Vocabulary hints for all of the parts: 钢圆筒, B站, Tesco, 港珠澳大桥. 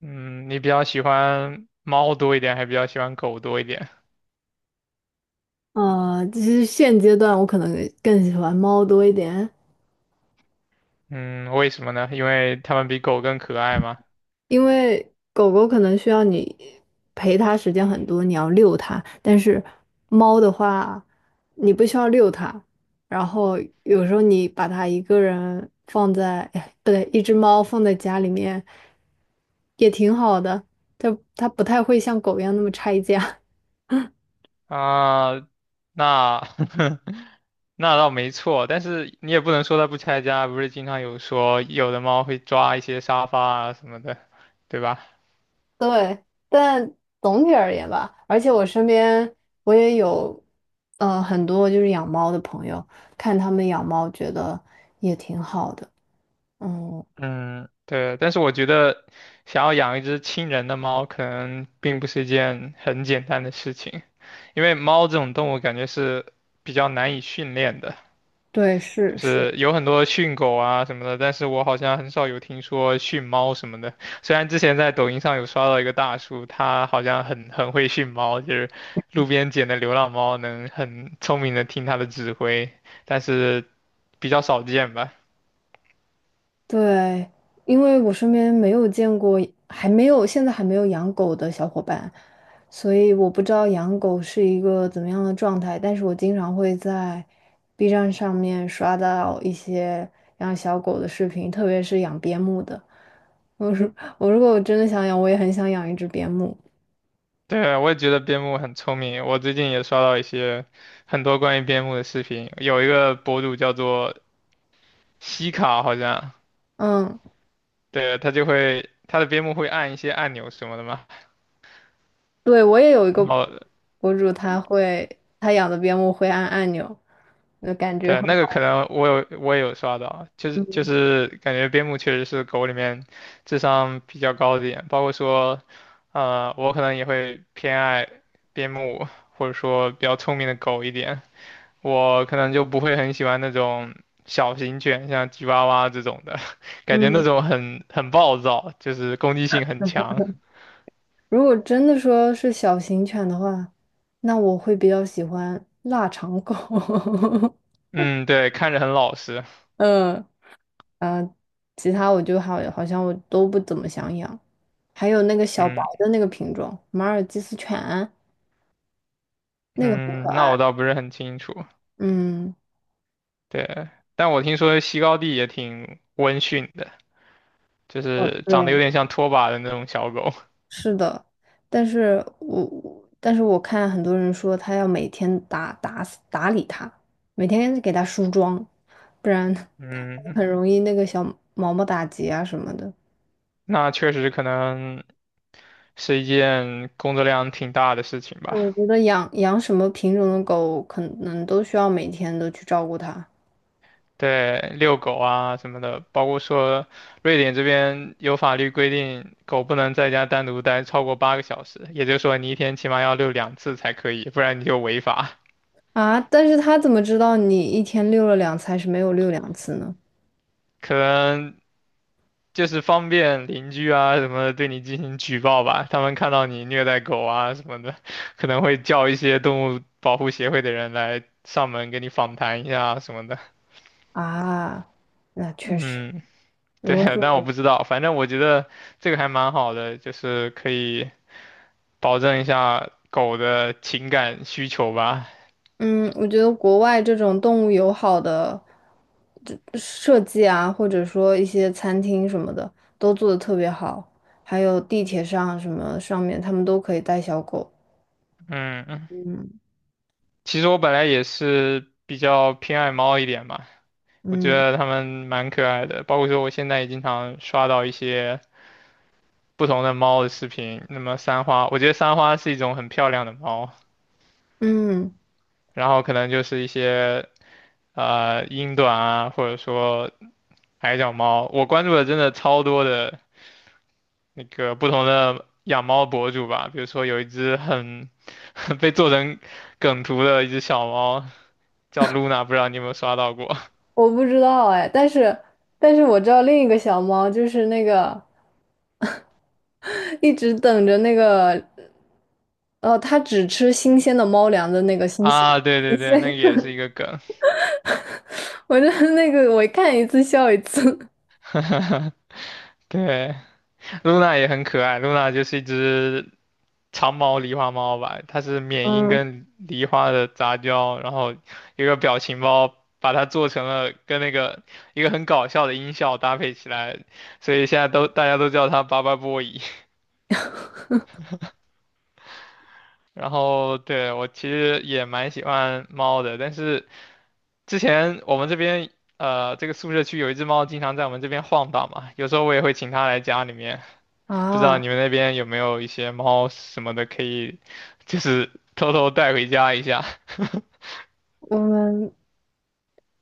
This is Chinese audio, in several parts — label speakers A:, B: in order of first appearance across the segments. A: 嗯，你比较喜欢猫多一点，还比较喜欢狗多一点？
B: 其实现阶段我可能更喜欢猫多一点，
A: 嗯，为什么呢？因为它们比狗更可爱吗？
B: 因为狗狗可能需要你陪它时间很多，你要遛它，但是猫的话，你不需要遛它，然后有时候你把它一个人放在，哎不对，一只猫放在家里面也挺好的，它不太会像狗一样那么拆家。
A: 啊，那 那倒没错，但是你也不能说它不拆家，不是经常有说有的猫会抓一些沙发啊什么的，对吧？
B: 对，但总体而言吧，而且我身边我也有，很多就是养猫的朋友，看他们养猫觉得也挺好的。嗯，
A: 嗯，对，但是我觉得想要养一只亲人的猫，可能并不是一件很简单的事情，因为猫这种动物感觉是比较难以训练的。
B: 对，是
A: 就
B: 是。
A: 是有很多训狗啊什么的，但是我好像很少有听说训猫什么的。虽然之前在抖音上有刷到一个大叔，他好像很会训猫，就是路边捡的流浪猫能很聪明的听他的指挥，但是比较少见吧。
B: 对，因为我身边没有见过，还没有，现在还没有养狗的小伙伴，所以我不知道养狗是一个怎么样的状态。但是我经常会在 B 站上面刷到一些养小狗的视频，特别是养边牧的。我如果我真的想养，我也很想养一只边牧。
A: 对，我也觉得边牧很聪明。我最近也刷到一些很多关于边牧的视频，有一个博主叫做西卡，好像，
B: 嗯，
A: 对，他就会他的边牧会按一些按钮什么的嘛。
B: 对，我也有一个
A: 然后
B: 博主，他养的边牧会按按钮，那感觉
A: 对，
B: 很
A: 那个可
B: 好。
A: 能我也有刷到，就是感觉边牧确实是狗里面智商比较高的一点，包括说，我可能也会偏爱边牧或者说比较聪明的狗一点，我可能就不会很喜欢那种小型犬，像吉娃娃这种的，感觉那
B: 嗯。
A: 种很暴躁，就是攻击性很强。
B: 如果真的说是小型犬的话，那我会比较喜欢腊肠狗。
A: 嗯，对，看着很老实。
B: 嗯，啊，其他我就好，好像我都不怎么想养。还有那个小白
A: 嗯
B: 的那个品种，马尔济斯犬，那个很可
A: 嗯，那
B: 爱。
A: 我倒不是很清楚。
B: 嗯，
A: 对，但我听说西高地也挺温驯的，就
B: 哦，
A: 是长得
B: 对，
A: 有点像拖把的那种小狗。
B: 是的，但是我看很多人说他要每天打理它，每天给它梳妆，不然
A: 嗯，
B: 很容易那个小毛毛打结啊什么的。
A: 那确实可能是一件工作量挺大的事情吧。
B: 我觉得养什么品种的狗，可能都需要每天都去照顾它
A: 对，遛狗啊什么的，包括说瑞典这边有法律规定，狗不能在家单独待超过8个小时，也就是说你一天起码要遛2次才可以，不然你就违法。
B: 啊。但是它怎么知道你一天遛了两次还是没有遛两次呢？
A: 可能就是方便邻居啊什么的对你进行举报吧，他们看到你虐待狗啊什么的，可能会叫一些动物保护协会的人来上门给你访谈一下啊什么的。
B: 啊，那确实，
A: 嗯，
B: 如
A: 对，
B: 果是
A: 但我
B: 我，
A: 不知道，反正我觉得这个还蛮好的，就是可以保证一下狗的情感需求吧。
B: 嗯，我觉得国外这种动物友好的这设计啊，或者说一些餐厅什么的，都做的特别好，还有地铁上什么上面，他们都可以带小狗。
A: 嗯，其实我本来也是比较偏爱猫一点吧，我觉
B: 嗯
A: 得它们蛮可爱的，包括说我现在也经常刷到一些。不同的猫的视频。那么三花，我觉得三花是一种很漂亮的猫，
B: 嗯。
A: 然后可能就是一些英短啊，或者说矮脚猫。我关注的真的超多的那个不同的养猫博主吧，比如说有一只很 被做成梗图的一只小猫叫 Luna,不知道你有没有刷到过
B: 我不知道哎，但是但是我知道另一个小猫就是那个 一直等着那个，它只吃新鲜的猫粮的那个 新鲜
A: 啊？对
B: 新
A: 对对，
B: 鲜，
A: 那个也是一个梗。
B: 我真的那个我看一次笑一次。
A: 对，露娜也很可爱，露娜就是一只长毛狸花猫吧，它是缅因
B: 嗯
A: 跟狸花的杂交，然后一个表情包把它做成了跟那个一个很搞笑的音效搭配起来，所以现在都大家都叫它巴巴波伊。然后对我其实也蛮喜欢猫的，但是之前我们这边这个宿舍区有一只猫经常在我们这边晃荡嘛，有时候我也会请它来家里面，不知道
B: 啊，
A: 你们那边有没有一些猫什么的可以，就是偷偷带回家一下
B: 我们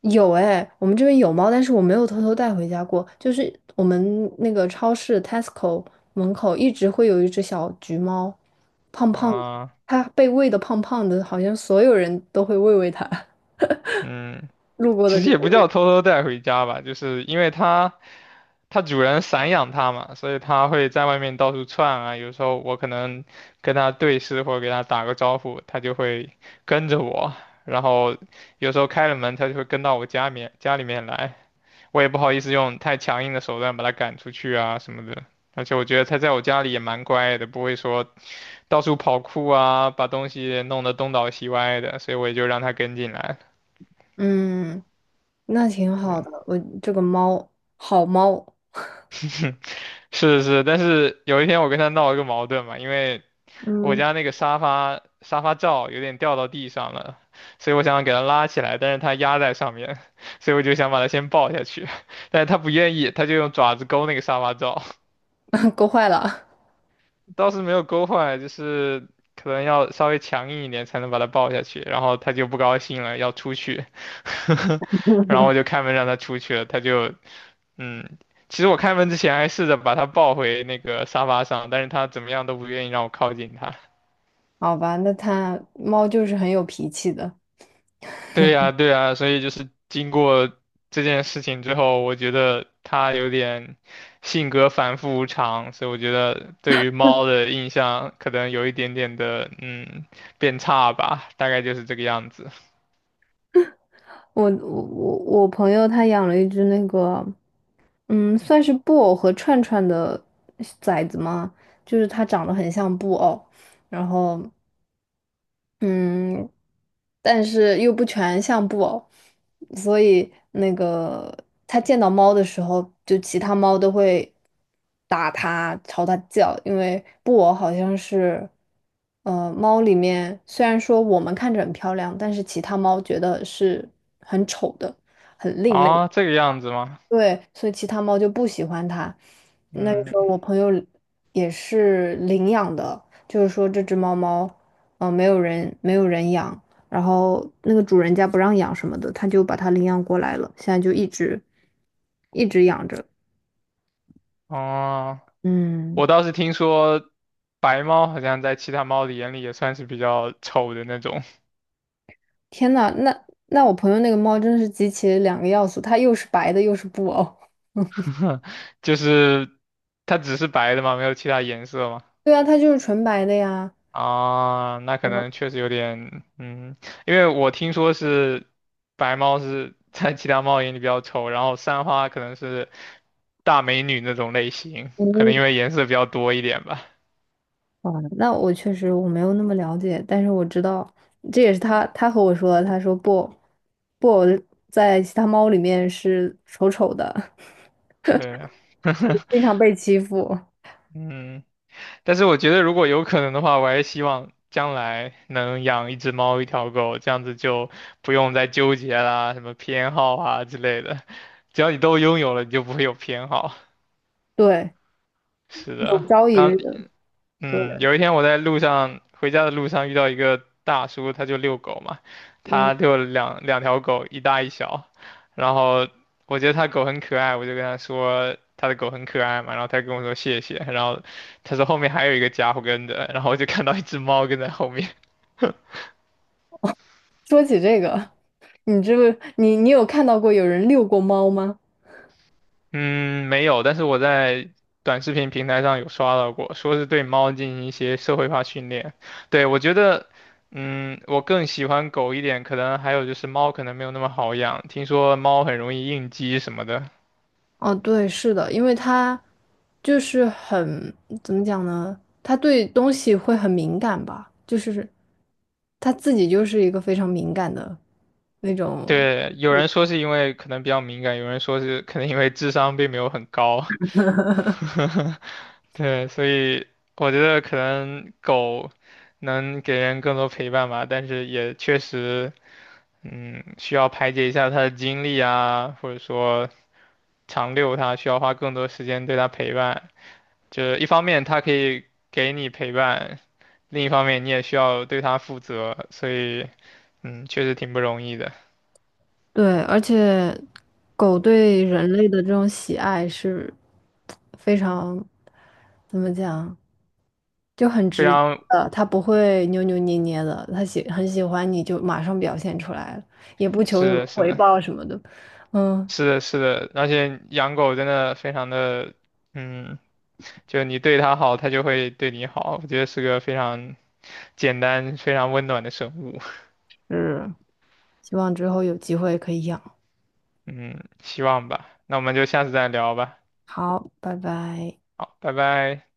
B: 有哎，我们这边有猫，但是我没有偷偷带回家过。就是我们那个超市 Tesco 门口一直会有一只小橘猫，胖胖的，
A: 啊。
B: 它被喂的胖胖的，好像所有人都会喂它，
A: 嗯，
B: 路过的
A: 其实
B: 就
A: 也不
B: 喂。
A: 叫偷偷带回家吧，就是因为它它主人散养它嘛，所以它会在外面到处窜啊。有时候我可能跟它对视或者给它打个招呼，它就会跟着我。然后有时候开了门，它就会跟到我家面家里面来。我也不好意思用太强硬的手段把它赶出去啊什么的。而且我觉得它在我家里也蛮乖的，不会说到处跑酷啊，把东西弄得东倒西歪的，所以我也就让它跟进来。
B: 嗯，那挺好的。我这个猫，好猫，
A: 是是，但是有一天我跟他闹了个矛盾嘛，因为我
B: 嗯，
A: 家那个沙发罩有点掉到地上了，所以我想给它拉起来，但是它压在上面，所以我就想把它先抱下去，但是它不愿意，它就用爪子勾那个沙发罩。
B: 够坏了。
A: 倒是没有勾坏，就是可能要稍微强硬一点才能把他抱下去，然后他就不高兴了，要出去，然后我就开门让他出去了，他就，嗯，其实我开门之前还试着把他抱回那个沙发上，但是他怎么样都不愿意让我靠近他，
B: 好吧，那它猫就是很有脾气的。
A: 对呀，对呀，所以就是经过这件事情之后，我觉得它有点性格反复无常，所以我觉得对于猫的印象可能有一点点的嗯变差吧，大概就是这个样子。
B: 我朋友他养了一只那个，嗯，算是布偶和串串的崽子吗？就是它长得很像布偶，然后嗯，但是又不全像布偶，所以那个它见到猫的时候，就其他猫都会打它、朝它叫，因为布偶好像是，猫里面虽然说我们看着很漂亮，但是其他猫觉得是很丑的、很另类。
A: 啊，这个样子吗？
B: 对，所以其他猫就不喜欢它。那个
A: 嗯，
B: 时候我朋友也是领养的，就是说这只猫猫，嗯、没有人养，然后那个主人家不让养什么的，他就把它领养过来了，现在就一直养着。
A: 哦，
B: 嗯，
A: 我倒是听说白猫好像在其他猫的眼里也算是比较丑的那种，
B: 天呐，那我朋友那个猫真是集齐了两个要素，它又是白的，又是布偶。
A: 就是它只是白的嘛，没有其他颜色嘛。
B: 对啊，它就是纯白的呀。
A: 啊，那可能确实有点，嗯，因为我听说是白猫是在其他猫眼里比较丑，然后三花可能是大美女那种类型，
B: 哦
A: 可能因为颜色比较多一点吧。
B: 哦，那我确实我没有那么了解，但是我知道，这也是他和我说的，他说布偶在其他猫里面是丑丑的，
A: 对，
B: 经常被欺负，
A: 嗯，但是我觉得如果有可能的话，我还是希望将来能养一只猫一条狗，这样子就不用再纠结啦，什么偏好啊之类的，只要你都拥有了，你就不会有偏好。
B: 对，
A: 是的。
B: 有朝一日，对，
A: 嗯，有一天我在路上回家的路上遇到一个大叔，他就遛狗嘛，
B: 嗯，
A: 他就两条狗，一大一小，然后我觉得他狗很可爱，我就跟他说他的狗很可爱嘛，然后他跟我说谢谢，然后他说后面还有一个家伙跟着，然后我就看到一只猫跟在后面，
B: 说起这个，你这不，你有看到过有人遛过猫吗？
A: 嗯，没有，但是我在短视频平台上有刷到过，说是对猫进行一些社会化训练。对，我觉得，嗯，我更喜欢狗一点，可能还有就是猫可能没有那么好养，听说猫很容易应激什么的。
B: 哦，对，是的，因为他就是很，怎么讲呢？他对东西会很敏感吧，就是他自己就是一个非常敏感的那种。
A: 对，有人说是因为可能比较敏感，有人说是可能因为智商并没有很高。对，所以我觉得可能狗能给人更多陪伴吧，但是也确实。嗯，需要排解一下他的精力啊，或者说长遛他需要花更多时间对他陪伴。就是一方面他可以给你陪伴，另一方面你也需要对他负责，所以嗯，确实挺不容易的。
B: 对，而且狗对人类的这种喜爱是非常，怎么讲，就很
A: 非
B: 直接
A: 常
B: 的，它不会扭扭捏捏的，它很喜欢你就马上表现出来了，也不求什
A: 是
B: 么
A: 的，是
B: 回
A: 的，
B: 报什么的。嗯，
A: 是的，是的，而且养狗真的非常的，嗯，就你对它好，它就会对你好。我觉得是个非常简单、非常温暖的生物。
B: 是。希望之后有机会可以养。
A: 嗯，希望吧。那我们就下次再聊吧。
B: 好，拜拜。
A: 好，拜拜。